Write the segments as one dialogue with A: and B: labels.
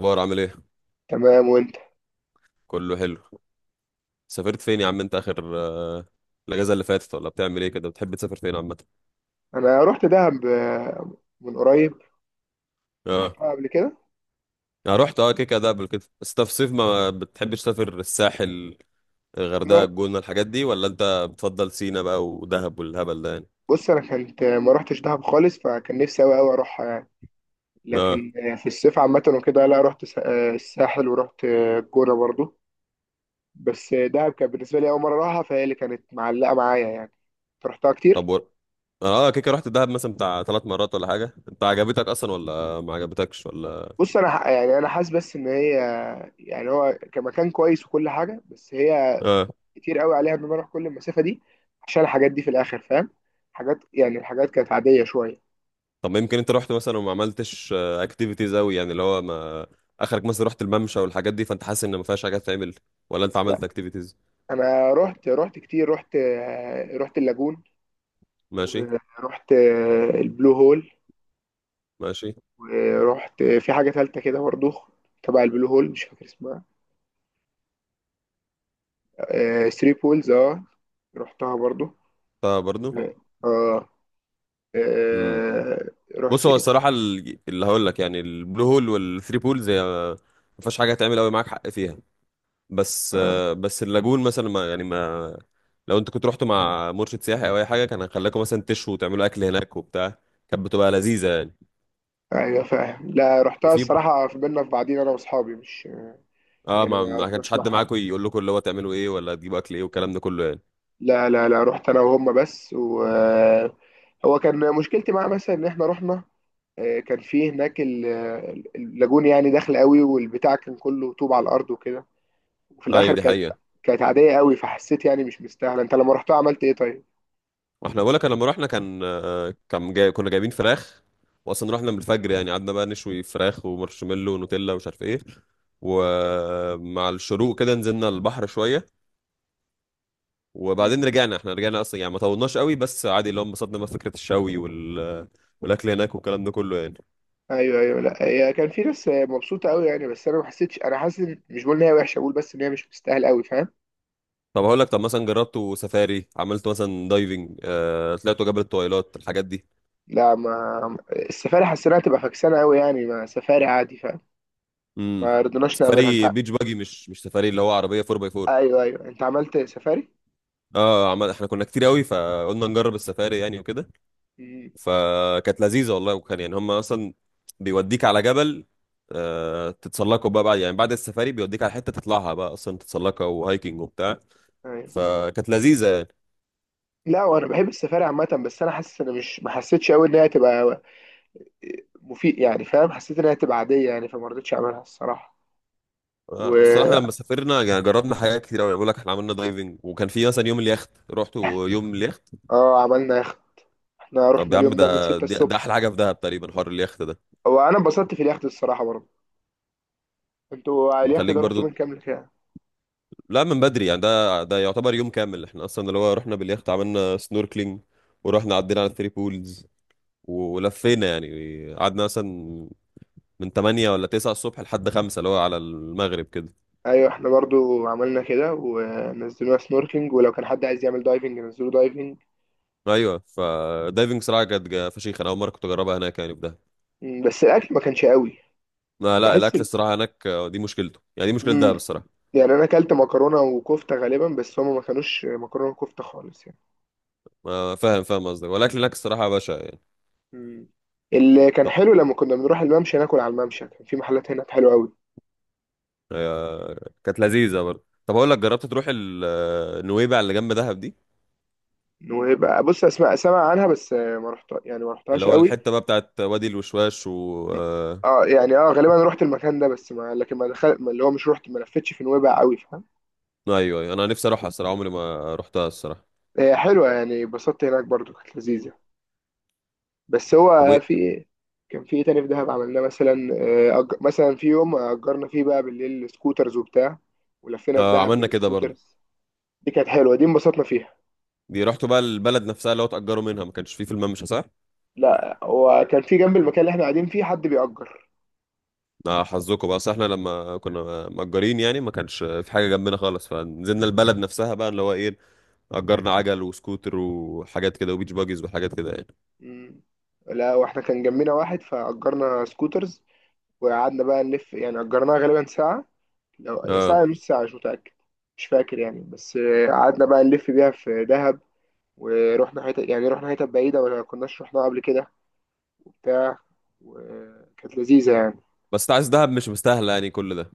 A: اخبار عامل ايه؟
B: تمام وانت.
A: كله حلو. سافرت فين يا عم انت اخر الاجازه اللي فاتت، ولا بتعمل ايه كده؟ بتحب تسافر فين عامه؟
B: انا رحت دهب من قريب.
A: اه.
B: رحتها قبل كده.
A: انا رحت كده قبل كده. بس انت في صيف ما بتحبش تسافر الساحل، الغردقه، الجونه، الحاجات دي؟ ولا انت بتفضل سينا بقى ودهب والهبل ده يعني؟
B: بص انا كنت ما رحتش دهب خالص، فكان نفسي قوي قوي اروحها يعني.
A: اه.
B: لكن في الصيف عامه وكده، لا رحت الساحل، ورحت الجونه برضو. بس دهب كان بالنسبه لي اول مره اروحها، فهي اللي كانت معلقه معايا يعني. رحتها كتير.
A: طب كده رحت دهب مثلا بتاع ثلاث مرات ولا حاجه؟ انت عجبتك اصلا ولا ما عجبتكش ولا؟
B: بص يعني انا حاسس بس ان هي، يعني هو كمكان كويس وكل حاجه، بس هي
A: اه.
B: كتير قوي عليها ان انا اروح كل المسافه دي عشان الحاجات دي في الاخر، فاهم؟ حاجات يعني الحاجات كانت عاديه شويه.
A: طب يمكن انت رحت مثلا وما عملتش اكتيفيتيز قوي، يعني اللي هو، ما اخرك مثلا رحت الممشى والحاجات دي، فانت حاسس ان ما فيهاش حاجه تعمل؟ ولا انت عملت اكتيفيتيز؟
B: انا رحت كتير. رحت اللاجون،
A: ماشي.
B: ورحت البلو هول،
A: ماشي.
B: ورحت في حاجة تالتة كده برضو تبع البلو هول، مش فاكر اسمها. آه ثري بولز، اه. رحتها برضو.
A: طب برضو.
B: اه.
A: امم
B: آه،
A: بص،
B: رحت
A: هو
B: إيه؟
A: الصراحه اللي هقول لك يعني، البلو هول والثري بولز هي ما فيهاش حاجه تعمل قوي، معاك حق فيها. بس بس اللاجون مثلا، ما يعني ما لو انت كنت رحت مع مرشد سياحي او اي حاجه، كان هيخليكم مثلا تشوا وتعملوا اكل هناك وبتاع، كانت بتبقى لذيذه يعني.
B: ايوه فاهم. لا رحتها
A: وفي.
B: الصراحة في بينا في بعضين انا واصحابي، مش
A: اه
B: يعني
A: ما
B: ما
A: ما كانش
B: رحناش مع
A: حد
B: حد.
A: معاكم يقول لكم اللي هو تعملوا ايه ولا تجيبوا اكل ايه والكلام ده كله يعني؟
B: لا لا لا، رحت انا وهم بس، و آه، هو كان مشكلتي معاه مثلا ان احنا رحنا كان في هناك اللاجون يعني داخل قوي، والبتاع كان كله طوب على الارض وكده، وفي
A: ايوه،
B: الاخر
A: دي
B: كانت،
A: حقيقه.
B: كانت عاديه قوي. فحسيت يعني مش مستاهله. انت لما رحتها عملت ايه طيب؟
A: واحنا بقولك، أنا لما رحنا كان كان جاي، كنا جايبين فراخ، واصلا رحنا من الفجر، يعني قعدنا بقى نشوي فراخ ومارشميلو ونوتيلا ومش عارف ايه، ومع الشروق كده نزلنا البحر شويه،
B: مم.
A: وبعدين رجعنا. احنا رجعنا اصلا يعني، ما طولناش قوي، بس عادي اللي هو انبسطنا بقى في فكره الشوي والاكل هناك والكلام ده كله يعني.
B: ايوه ايوه، لا هي كان في ناس مبسوطه قوي يعني، بس انا ما حسيتش. انا حاسس مش بقول ان هي وحشه، بقول بس ان هي مش مستاهله قوي، فاهم؟
A: طب هقول لك، طب مثلا جربتوا سفاري، عملتوا مثلا دايفنج، طلعتوا جبل الطويلات، الحاجات دي؟
B: لا ما السفاري حسيناها تبقى فكسانه قوي يعني، ما سفاري عادي فاهم.
A: امم
B: ما رضيناش نعملها.
A: سفاري
B: انت
A: بيتش باجي، مش سفاري اللي هو عربيه 4 باي 4.
B: ايوه ايوه، انت عملت سفاري.
A: اه، احنا كنا كتير قوي فقلنا نجرب السفاري يعني وكده،
B: مم.
A: فكانت لذيذه والله، وكان يعني هم اصلا بيوديك على جبل، آه، تتسلقوا بقى بعد يعني، بعد السفاري بيوديك على حته تطلعها بقى، اصلا تتسلقها، وهايكنج وبتاع،
B: ايوه،
A: فكانت لذيذه يعني.
B: لا وانا بحب السفاري عامه، بس انا حاسس ان مش ما حسيتش قوي ان هي تبقى مفيد يعني فاهم. حسيت انها هتبقى عاديه يعني، فما رضيتش اعملها الصراحه.
A: الصراحه
B: و
A: احنا لما سافرنا، يعني جربنا حاجات كتير قوي، بقول لك احنا عملنا دايفنج، وكان في مثلا يوم اليخت، رحت يوم اليخت.
B: اه عملنا يخت. احنا
A: طب
B: رحنا
A: يا عم،
B: اليوم ده من
A: ده
B: 6
A: ده ده احلى
B: الصبح،
A: حاجه في دهب تقريبا، حوار اليخت ده
B: وانا انبسطت في اليخت الصراحه برضه. انتوا على اليخت
A: بيخليك
B: ده رحتوا من
A: برضو.
B: كام لكام؟
A: لا، من بدري يعني، ده يعتبر يوم كامل، احنا اصلا اللي هو رحنا باليخت عملنا سنوركلينج، ورحنا عدينا على الثري بولز، ولفينا يعني قعدنا مثلا من 8 ولا 9 الصبح لحد 5 اللي هو على المغرب كده.
B: ايوه احنا برضو عملنا كده، ونزلونا سنوركينج، ولو كان حد عايز يعمل دايفنج نزلوا دايفنج.
A: ايوه، فدايفنج صراحه كانت فشيخه، انا اول مره كنت اجربها هناك يعني في دهب.
B: مم، بس الاكل ما كانش قوي.
A: ما لا،
B: بحس
A: الاكل
B: ال...
A: الصراحه هناك، دي مشكلته يعني، دي مشكله دهب
B: مم،
A: الصراحه.
B: يعني انا اكلت مكرونه وكفته غالبا، بس هما ما كانوش مكرونه وكفته خالص يعني.
A: ما فاهم فاهم قصدك، والاكل هناك الصراحه يا باشا يعني.
B: مم. اللي كان
A: طب
B: حلو لما كنا بنروح الممشى ناكل على الممشى، كان في محلات هناك حلوه قوي.
A: كانت لذيذه برضه. طب اقول لك، جربت تروح نويبع اللي جنب دهب دي؟
B: ويبقى بص اسمع، سمع عنها، بس ما رحت يعني ما
A: اللي
B: رحتهاش
A: هو
B: قوي.
A: الحتة بقى بتاعت وادي الوشواش. و
B: م-
A: آه،
B: اه يعني اه غالبا رحت المكان ده، بس ما لكن ما دخلت، ما اللي هو مش رحت، ما لفتش في نويبع قوي فاهم.
A: ايوه، أيوة. انا نفسي اروحها الصراحة، عمري ما رحتها الصراحة.
B: هي حلوه يعني، اتبسطت هناك برضو، كانت لذيذه. بس
A: طب
B: هو
A: وايه؟
B: في، كان في ايه تاني في دهب عملناه مثلا؟ مثلا في يوم اجرنا فيه بقى بالليل سكوترز وبتاع، ولفينا في
A: آه،
B: دهب
A: عملنا كده برضو.
B: بالسكوترز. دي كانت حلوه، دي انبسطنا فيها.
A: دي رحتوا بقى البلد نفسها اللي هو اتأجروا منها؟ ما كانش فيه في الممشى صح؟
B: لا هو كان في جنب المكان اللي احنا قاعدين فيه حد بيأجر.
A: آه، حظكم بقى، أصل احنا لما كنا مأجرين يعني ما كانش في حاجة جنبنا خالص، فنزلنا البلد نفسها بقى اللي هو ايه، أجرنا عجل وسكوتر وحاجات كده وبيتش باجيز وحاجات كده يعني.
B: مم. لا واحنا كان جنبنا واحد، فأجرنا سكوترز وقعدنا بقى نلف يعني. أجرناها غالبا ساعة، لو يا ساعة
A: اه.
B: يا نص ساعة مش متأكد، مش فاكر يعني. بس قعدنا بقى نلف بيها في دهب. ورحنا حتة، يعني رحنا حتة بعيدة ولا كناش رحناها قبل كده وبتاع، وكانت لذيذة يعني.
A: بس انت عايز دهب مش مستاهلة يعني كل ده؟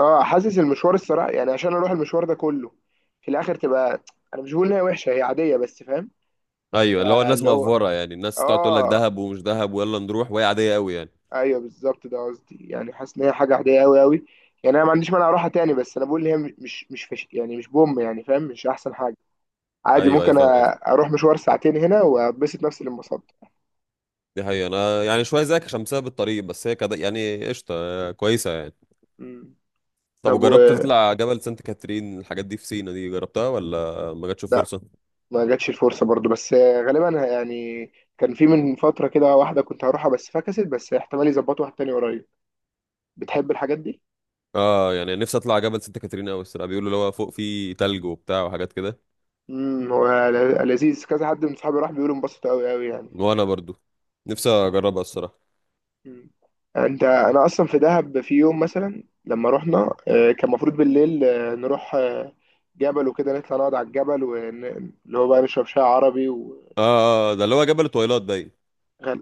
B: اه حاسس المشوار الصراحة يعني، عشان اروح المشوار ده كله في الاخر تبقى، انا مش بقول ان هي وحشة، هي عادية، بس فاهم.
A: ايوه اللي هو الناس
B: فاللي هو
A: مأفورة يعني، الناس تقعد تقول لك
B: اه
A: دهب ومش دهب ويلا نروح، وهي عادية قوي يعني.
B: ايوه بالظبط، ده قصدي يعني. حاسس ان هي حاجه عاديه قوي قوي يعني. انا ما عنديش مانع اروحها تاني، بس انا بقول ان هي مش يعني، مش بوم يعني فاهم، مش احسن حاجه. عادي
A: ايوه ايوه،
B: ممكن
A: فاهم.
B: اروح مشوار ساعتين هنا وابسط نفسي للمصد.
A: دي حقيقة، أنا يعني شوية زيك عشان بسبب الطريق، بس هي كده يعني قشطة كويسة يعني.
B: مم.
A: طب
B: طب و،
A: وجربت تطلع جبل سانت كاترين، الحاجات دي في سينا دي جربتها ولا ما جاتش
B: لا
A: فرصة؟
B: ما جاتش الفرصه برضو، بس غالبا يعني كان في من فتره كده واحده كنت هروحها بس فكست، بس احتمال يظبطوا واحد تاني قريب. بتحب الحاجات دي؟
A: اه، يعني نفسي اطلع جبل سانت كاترين أوي الصراحة، بيقولوا اللي هو فوق فيه تلج وبتاع وحاجات كده.
B: هو لذيذ، كذا حد من صحابي راح بيقولوا انبسطوا قوي قوي يعني.
A: وأنا برضو نفسي أجربها الصراحة.
B: مم. انت انا اصلا في دهب في يوم مثلا لما رحنا كان المفروض بالليل نروح جبل وكده، نطلع نقعد على الجبل اللي هو بقى نشرب شاي عربي.
A: اه. آه، ده اللي هو جبل التويلات باين.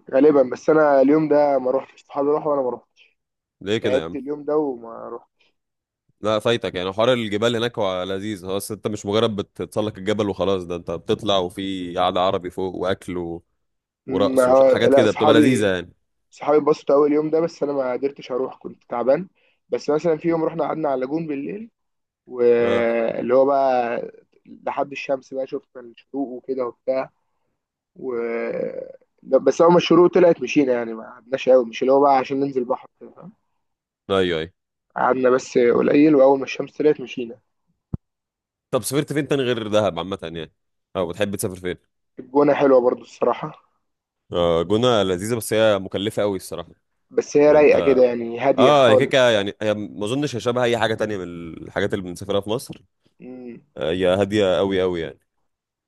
B: وغالبا بس انا اليوم ده ما روحتش، صحابي راحوا وانا ما روحتش.
A: ليه كده يا
B: تعبت
A: عم؟
B: اليوم ده وما روحت.
A: لا، فايتك يعني، حوار الجبال هناك هو لذيذ، هو بس انت مش مجرد بتتسلق الجبل وخلاص، ده انت بتطلع وفي قعدة عربي فوق واكل ورقص
B: ما
A: حاجات
B: لا
A: كده بتبقى
B: صحابي
A: لذيذة يعني.
B: صحابي اتبسطوا قوي اليوم ده، بس انا ما قدرتش اروح، كنت تعبان. بس مثلا في يوم رحنا قعدنا على اللاجون بالليل،
A: اه،
B: واللي هو بقى لحد الشمس بقى، شفنا الشروق وكده وبتاع. و لا، بس اول ما الشروق طلعت مشينا يعني، ما قعدناش قوي، مش اللي هو بقى عشان ننزل بحر كده، فاهم.
A: ايوه ايوه.
B: قعدنا بس قليل، واول ما الشمس طلعت مشينا.
A: طب سافرت فين تاني غير دهب عامة يعني، او بتحب تسافر فين؟
B: الجونه حلوه برضو الصراحه،
A: آه، جونة لذيذة، بس هي مكلفة قوي الصراحة.
B: بس هي
A: يعني
B: رايقه
A: انت،
B: كده يعني، هاديه
A: اه، هي كيكة
B: خالص.
A: يعني، هي ما اظنش هي شبه اي حاجة تانية من الحاجات اللي بنسافرها في مصر.
B: مم.
A: آه، هي هادية قوي قوي يعني.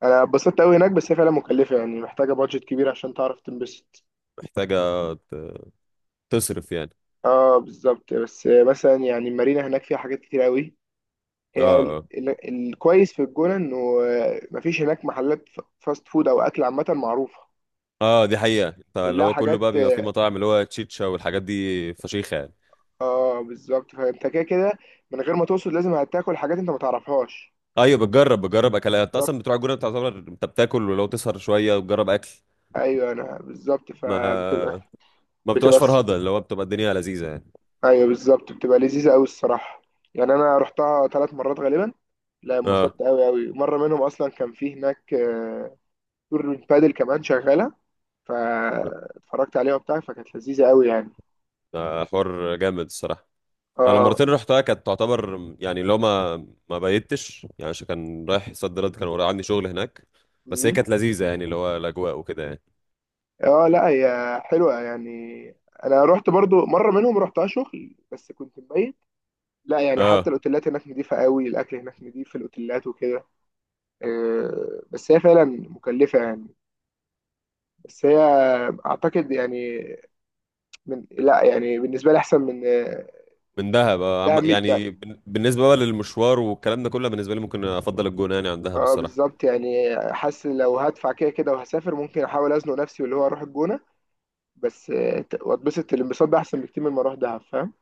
B: انا اتبسطت قوي هناك، بس هي فعلا مكلفه يعني، محتاجه بادجت كبير عشان تعرف تنبسط.
A: محتاجة ت- تصرف يعني.
B: اه بالظبط. بس مثلا يعني المارينا هناك فيها حاجات كتير قوي.
A: اه.
B: هي
A: اه.
B: الكويس في الجونه انه مفيش هناك محلات فاست فود او اكل عامه معروفه.
A: اه، دي حقيقة، انت اللي
B: كلها
A: هو كله
B: حاجات،
A: بقى بيبقى فيه مطاعم، اللي هو تشيتشا والحاجات دي، فشيخة يعني.
B: اه بالظبط. فانت كده كده من غير ما تقصد لازم هتاكل حاجات انت ما تعرفهاش.
A: ايوه، بتجرب اكلات، انت
B: بالظبط،
A: اصلا بتروح الجونة بتعتبر انت بتاكل، ولو تسهر شوية وتجرب اكل،
B: ايوه انا بالظبط فبتبقى،
A: ما ما بتبقاش
B: بتبقى الص-
A: فرهضة، اللي هو بتبقى الدنيا لذيذة يعني.
B: ايوه بالظبط، بتبقى لذيذه قوي الصراحه. يعني انا رحتها ثلاث مرات غالبا. لا
A: اه.
B: انبسطت قوي قوي. مره منهم اصلا كان في هناك تور من بادل كمان شغاله، فاتفرجت عليها وبتاع، فكانت لذيذه قوي يعني.
A: ده حوار جامد الصراحة. أنا
B: اه.
A: المرتين اللي رحتها كانت تعتبر يعني، لو ما بيتش يعني، عشان كان رايح صد رد، كان ورايا عندي شغل هناك، بس هي
B: مم.
A: كانت لذيذة يعني اللي هو الأجواء وكده يعني.
B: اه لا هي حلوه يعني. انا رحت برضو مره منهم رحتها شغل، بس كنت مبيت. لا يعني حتى
A: اه.
B: الاوتيلات هناك نضيفة قوي، الاكل هناك نضيف في الاوتيلات وكده. بس هي فعلا مكلفة يعني. بس هي اعتقد يعني، لا يعني بالنسبة لي احسن من
A: من دهب،
B: دهب يعني.
A: يعني، بالنسبة بقى للمشوار والكلام ده كله، بالنسبة لي ممكن أفضل الجونة يعني عن دهب
B: اه
A: الصراحة.
B: بالظبط يعني، حاسس لو هدفع كده كده وهسافر، ممكن احاول ازنق نفسي واللي هو اروح الجونة. بس واتبسط الانبساط ده احسن بكتير من ما اروح دهب فاهم.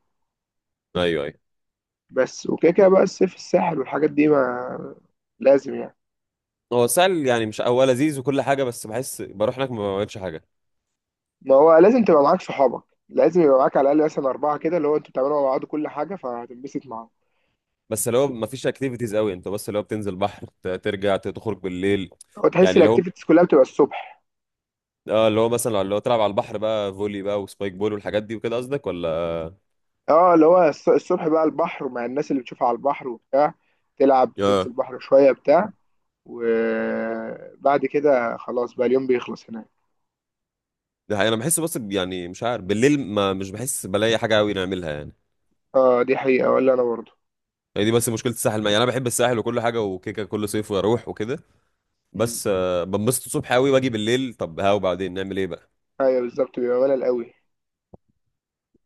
A: أيوه أيوه.
B: بس وكده كده بقى الصيف الساحل والحاجات دي ما لازم يعني.
A: هو سهل يعني، مش هو لذيذ وكل حاجة، بس بحس بروح هناك ما بعملش حاجة.
B: ما هو لازم تبقى معاك صحابك، لازم يبقى معاك على الاقل مثلا اربعه كده، اللي هو انتوا بتعملوا مع بعض كل حاجه، فهتنبسط معاهم.
A: بس اللي هو ما فيش اكتيفيتيز قوي، انت بس اللي هو بتنزل بحر، ترجع، تخرج بالليل.
B: وتحس
A: يعني لو،
B: الاكتيفيتيز كلها بتبقى الصبح.
A: اه اللي هو مثلا اللي هو تلعب على البحر بقى فولي بقى وسبايك بول والحاجات دي وكده قصدك ولا؟
B: اه اللي هو الصبح بقى البحر، ومع الناس اللي بتشوفها على البحر وبتاع، تلعب تنزل
A: اه.
B: البحر شويه بتاع، وبعد كده خلاص بقى اليوم بيخلص هناك.
A: ده حقيقة، انا بحس بس يعني مش عارف بالليل، ما مش بحس بلاقي حاجه قوي نعملها يعني.
B: اه دي حقيقه، ولا انا برضه.
A: هي دي بس مشكله الساحل يعني، انا بحب الساحل وكل حاجه وكيكه كل صيف واروح وكده،
B: مم.
A: بس بنبسط الصبح قوي واجي بالليل، طب ها وبعدين نعمل ايه بقى؟
B: ايوه بالظبط، بيبقى ملل قوي.